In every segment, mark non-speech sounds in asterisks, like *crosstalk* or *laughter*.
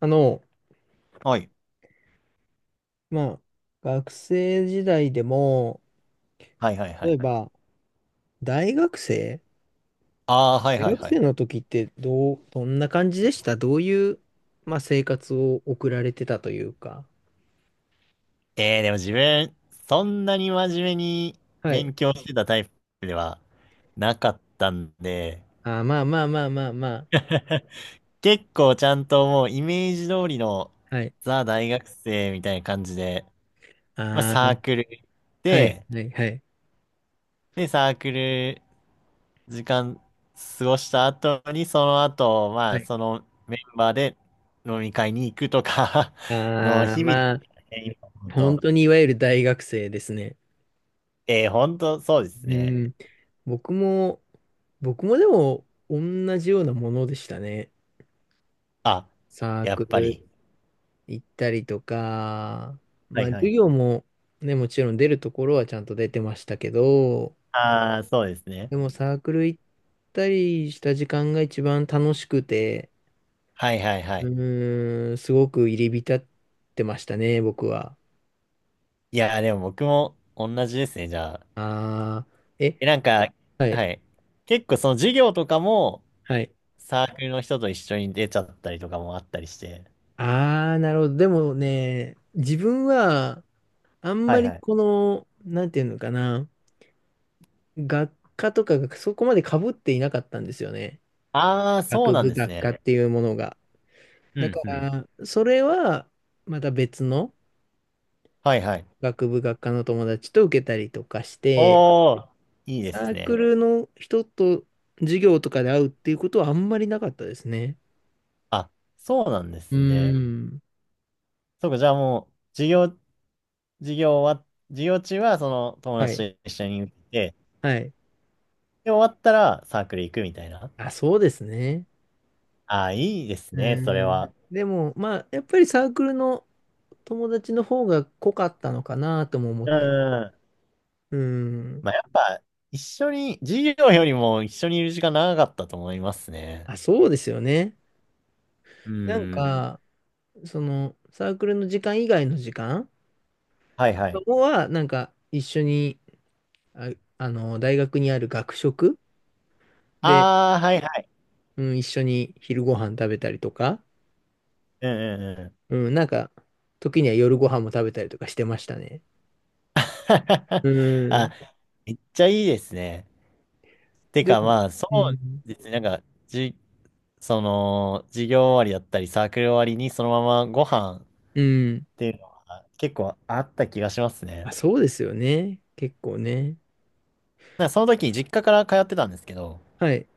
あの、はい。まあ、学生時代でも、はいはいは例い。えば、大学生ああ、はい大はい学はい。生の時ってどう、どんな感じでしたどういう、まあ、生活を送られてたというか。でも自分、そんなに真面目にはい。勉強してたタイプではなかったんで、あー、まあまあまあまあまあ。*laughs* 結構ちゃんともうイメージ通りのはい。ザ大学生みたいな感じで、あサーあ、クル行っはい、て、はい、はい。で、サークル時間過ごした後に、その後、はい。そのメンバーで飲み会に行くとか *laughs* のああ、日々でまあ、すね、今思う本と。当にいわゆる大学生ですね。本当そうですうね。ん。僕も、僕もでも、同じようなものでしたね。あ、サーやっクぱり。ル行ったりとか、はまいあは授い。業もね、もちろん出るところはちゃんと出てましたけど、ああ、そうですね。でもサークル行ったりした時間が一番楽しくて、はいはいはうい。ーん、すごく入り浸ってましたね、僕は。いやー、でも僕も同じですね、じゃあ。ああ、え、え、なんか、はい、はい。結構その授業とかもはい。サークルの人と一緒に出ちゃったりとかもあったりして。ああ、なるほど。でもね、自分はあんはまいりはい。この、なんていうのかな、学科とかがそこまで被っていなかったんですよね。ああ、そう学なん部です学科ね。っていうものが。うだんかうん。ら、それは、また別のはいはい。学部学科の友達と受けたりとかして、おー、いいでサすークね。ルの人と授業とかで会うっていうことはあんまりなかったですね。あ、そうなんでうーすね。ん。そうか、じゃあもう、授業中はその友はい。達と一緒に行って、はい。で、終わったらサークル行くみたいな。あ、そうですね。ああ、いいですうね、それーん。は。でも、まあ、やっぱりサークルの友達の方が濃かったのかなとも思っうたり。ん。うーん。まあ、やっぱ、一緒に、授業よりも一緒にいる時間長かったと思いますね。あ、そうですよね。うなんん。か、その、サークルの時間以外の時間はいはい。は、なんか、一緒に、あ、あの、大学にある学食で、ああ、はいはい。うん、一緒に昼ご飯食べたりとか、うんうんうん。うん、なんか、時には夜ご飯も食べたりとかしてましたね。*laughs* うあ、ん。めっちゃいいですね。てでかも、まあ、そうん。うですね。なんか、じ、その、授業終わりだったり、サークル終わりにそのままご飯っうん。ていうのは結構あった気がしますね。まあ、そうですよね。結構ね。なんかその時、実家から通ってたんですけど、はい。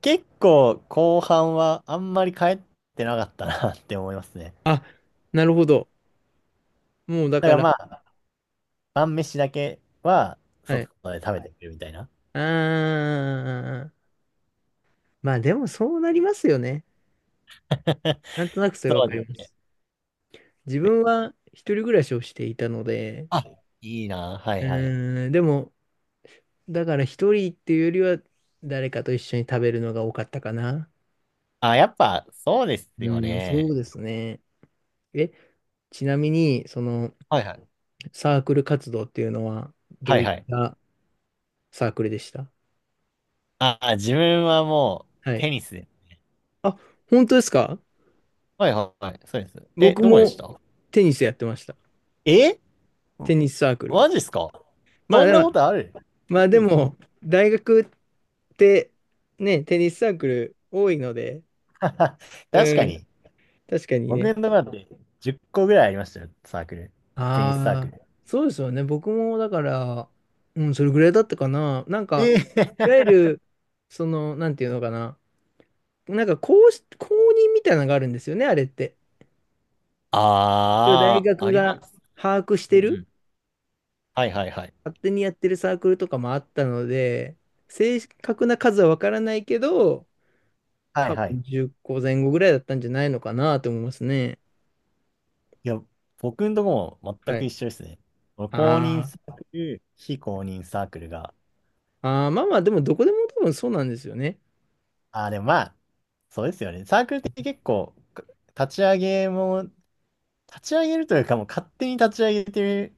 結構後半はあんまり帰ってなかったな *laughs* って思いますね。*laughs* あ、なるほど。もうだだかからら、まあ、晩飯だけはは外い。で食べてくるみたいな。あー。まあでもそうなりますよね。*laughs* なんとなくそれわそうかりでますす。自ね。分は一人暮らしをしていたので、あ、いいな。はいうはい。ーん、でも、だから一人っていうよりは誰かと一緒に食べるのが多かったかな。あ、やっぱそうですうよん、そうね。ですね。え、ちなみに、そのはいはい。サークル活動っていうのはどはいういっはい。たサークルでしたあ、自分はもうはい。テニスで。あ、本当ですか？はいはいはい。そうです。え、僕どこでしもた？テニスやってました。え、テニスサークル。マジっすか？まあそんでなも、ことある？ますあごでいですね。も、大学ってね、テニスサークル多いので、*laughs* 確かうん、に。確かに僕のね。ところだって10個ぐらいありましたよ、サークル。テニスサークああ、ル。そうですよね。僕もだから、うん、それぐらいだったかな。なんか、えいえ。わゆる、その、なんていうのかな。なんか公し、公認みたいなのがあるんですよね、あれって。一応大ああ、あ学りまがす。把握しうんてうる、ん。はいはいはい。勝手にやってるサークルとかもあったので、正確な数はわからないけど、はい多はい。分10個前後ぐらいだったんじゃないのかなと思いますね。いや、僕のとこも全はく一い。緒ですね。公認あーサークル、非公認サークルが。あー、まあまあ、でもどこでも多分そうなんですよね。ああ、でもまあ、そうですよね。サークルって結構、か立ち上げも、立ち上げるというか、もう勝手に立ち上げて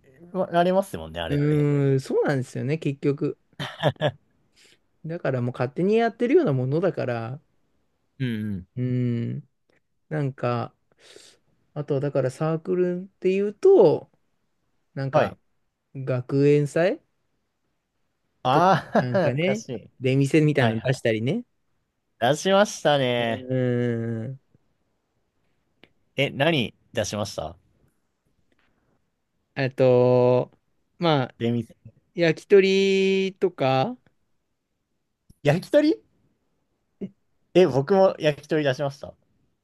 られますもんね、あうれって。ーん、そうなんですよね、結局。だからもう勝手にやってるようなものだから、うんうん。うん、なんか、あとはだからサークルっていうと、なんはかい。学園祭とかああ、*laughs* なんか懐かね、しい。出店みたいはないのは出しい。たりね。出しましたうね。ん。え、何出しました？あと、まあ、で、み焼き鳥とか、焼き鳥？え、僕も焼き鳥出しました。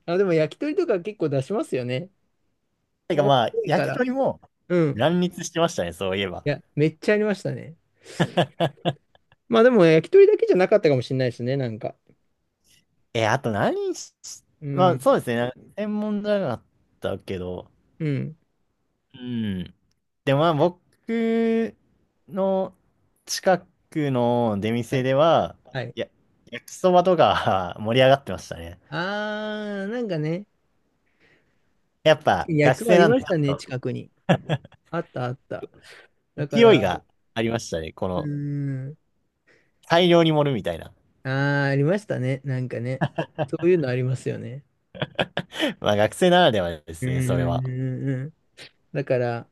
あ、でも焼き鳥とか結構出しますよね。てか多まあ、いか焼きら。鳥もうん。乱立してましたね、そういえば。いや、めっちゃありましたね。まあでも焼き鳥だけじゃなかったかもしれないですね、なんか。え、あと何し、うまあん。そうですね、専門じゃなかったけど、うん。うん。でもまあ僕の近くの出は店い。では、はい、や、焼きそばとか *laughs* 盛り上がってましたね。あー、なんかね、やっぱ焼き学そばあ生りなんまでしちたょね、っと近くに。あったあった。だか勢いら、がありましたね、こうーのん、大量に盛るみたいな。あー、ありましたね、なんかね。そういうのありますよね。まあ学生ならではでうすね、それは。ーん。だから、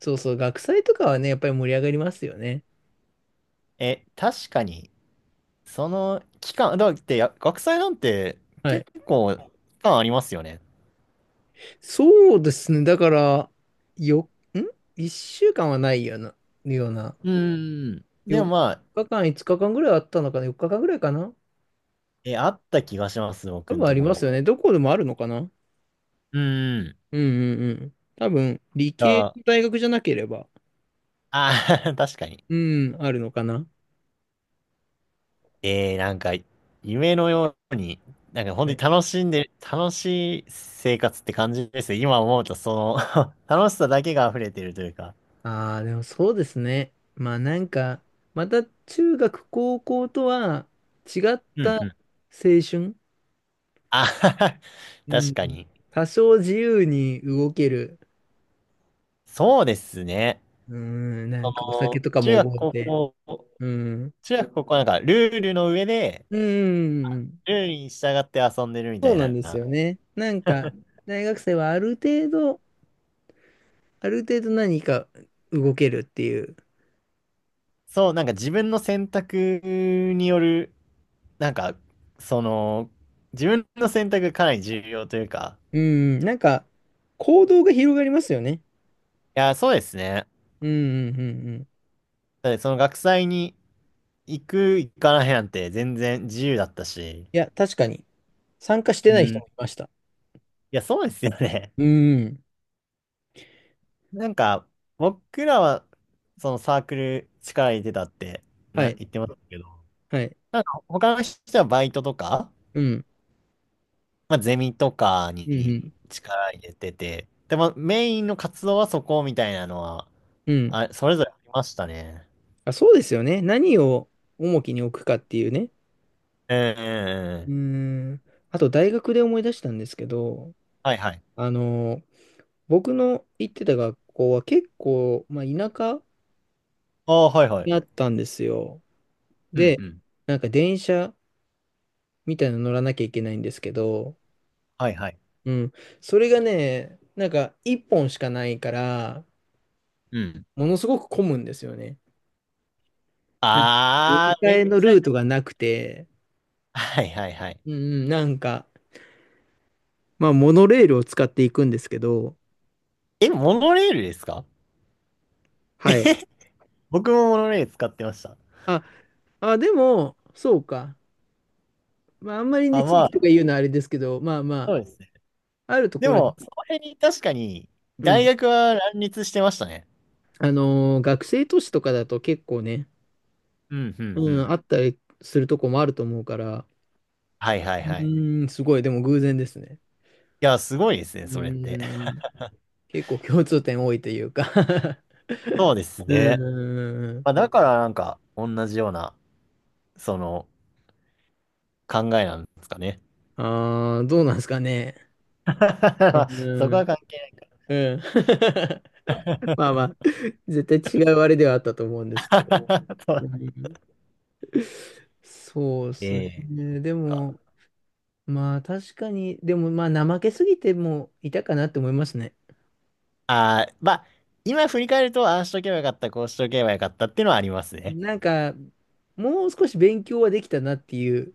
そうそう、学祭とかはね、やっぱり盛り上がりますよね。え、確かに、その期間、だって学祭なんては結い。構期間ありますよね。そうですね、だから、よ、ん？ 1 週間はないような、ような。うん。でも4まあ、日間、5日間ぐらいあったのかな？ 4 日間ぐらいかな？え、あった気がします、多僕ん分あとりこますも。よね。どこでもあるのかな？うん。うんうんうん。多分、理系あの大学じゃなければ、あー、*laughs* 確かに。うん、あるのかな。えー、なんか、夢のように、なんか本は当にい。楽しんでる、楽しい生活って感じですね。今思うと、その *laughs* 楽しさだけが溢れてるというか。ああ、でもそうですね。まあなんか、また中学、高校とは違っうたん、青うん。春。あはは。 *laughs* う確ん。かに。多少自由に動ける。そうですね。うん、なんそかお酒の、とか中も学、覚え高て。校、うん。中学、高校はなんか、ルールの上で、うんうんうん。ルールに従って遊んでるみそたういなんですよな。ね。なんか、大学生はある程度、ある程度何か動けるっていう。そう、なんか自分の選択による、なんか、その、自分の選択がかなり重要というか、うん、なんか、行動が広がりますよね。いや、そうですね。うん、うん、うん、うん。だってその学祭に行く、行かないなんて全然自由だったし、いや、確かに。参加してうない人ん。いもいました。や、そうですよね。うん。*laughs* なんか、僕らは、そのサークル力入れてたってはい、言ってましたけど、はい。なんか他の人はバイトとか、うん、まあ、ゼミとかうん、うにん。力入れてて、でもメインの活動はそこみたいなのは、うん、あ、それぞれありましたね。あ、そうですよね。何を重きに置くかっていうね。うんうんううん。ん。あと、大学で思い出したんですけど、はいはい。あの、僕の行ってた学校は結構、まあ、田舎ああ、はいはい。にあったんですよ。うんうで、ん。なんか電車みたいなの乗らなきゃいけないんですけど、はいはい。うん。それがね、なんか一本しかないから、うん。ものすごく混むんですよね。なんか乗りああ、換めっえのちゃ、ルートがなくて、はいはいはい。うんうん、なんか、まあ、モノレールを使っていくんですけど、え、モノレールですか？はい。僕もモノレール使ってました。あ、あ、でも、そうか。まあ、あんまりね、あ、地ま域とかあ、言うのはあれですけど、まあまそうですね。あ、あるとでころで、も、その辺に確かに、う大ん。学は乱立してましたね。あのー学生都市とかだと結構ね、うんうんううん、ん。あったりするとこもあると思うから、はいはいはい。うん、すごい、でも偶然ですね。いや、すごいですうね、それって。ん。結構共通点多いというか *laughs* そうですうんね。うんうん。まあ、だからなんか、同じような、その、考えなんですかね。ああ、どうなんですかね。*laughs* うまあそん。うこんは関係うん。な *laughs* い。まあまあ、絶対違うあれではあったと思うんですけど。*laughs* そうう。ん、そうですええ。ね。でも、まあ確かに、でもまあ怠けすぎてもいたかなって思いますね。ああー、まあ、今振り返ると、ああしとけばよかった、こうしとけばよかったっていうのはありますね。なんか、もう少し勉強はできたなっていう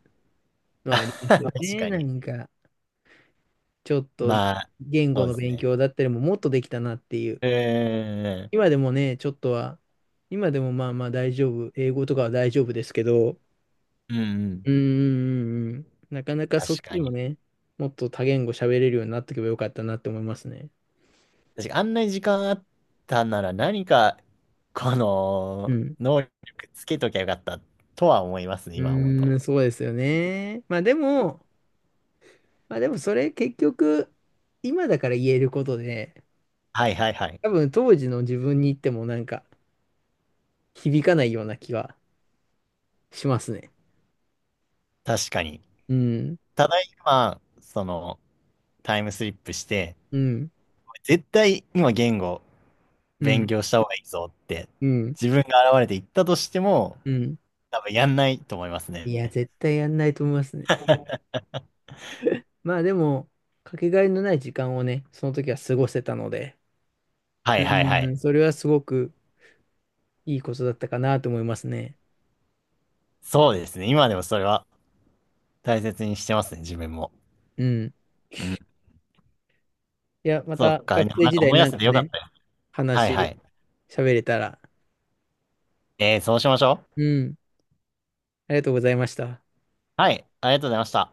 のはあり *laughs* ますよ確ね。かなに。んか、ちょっとまあ、言そ語うでのす勉ね。強だったりももっとできたなっていう。うーん、今でもね、ちょっとは、今でもまあまあ大丈夫。英語とかは大丈夫ですけど、うんうん、うんうんうんうん。なかなかそっ確かちもに。ね、もっと多言語喋れるようになっておけばよかったなって思いますね。確かにあんなに時間あったなら何か、こうの、ん。能力つけときゃよかったとは思いますね、う今思うーん、と。そうですよね。まあでも、まあでもそれ結局、今だから言えることで、はいはいはい。多分当時の自分に言ってもなんか響かないような気がしますね。確かに。うん、ただ今、その、タイムスリップして、うん、絶対今言語う勉ん、強した方がいいぞって、うん、自分が現れて言ったとしても、うん。多分やんないと思いますいね。や、絶対やんないと思いますね。まあでも、かけがえのない時間をね、その時は過ごせたので、はいうはいはい。ん、それはすごくいいことだったかなと思いますね。そうですね。今でもそれは大切にしてますね、自分も。うん。うん。いや、まそったか。なん学か生時代思い出なんせかてよかっね、たよ。はいは話、い。喋れたら、そうしましょう。うん、ありがとうございました。はい、ありがとうございました。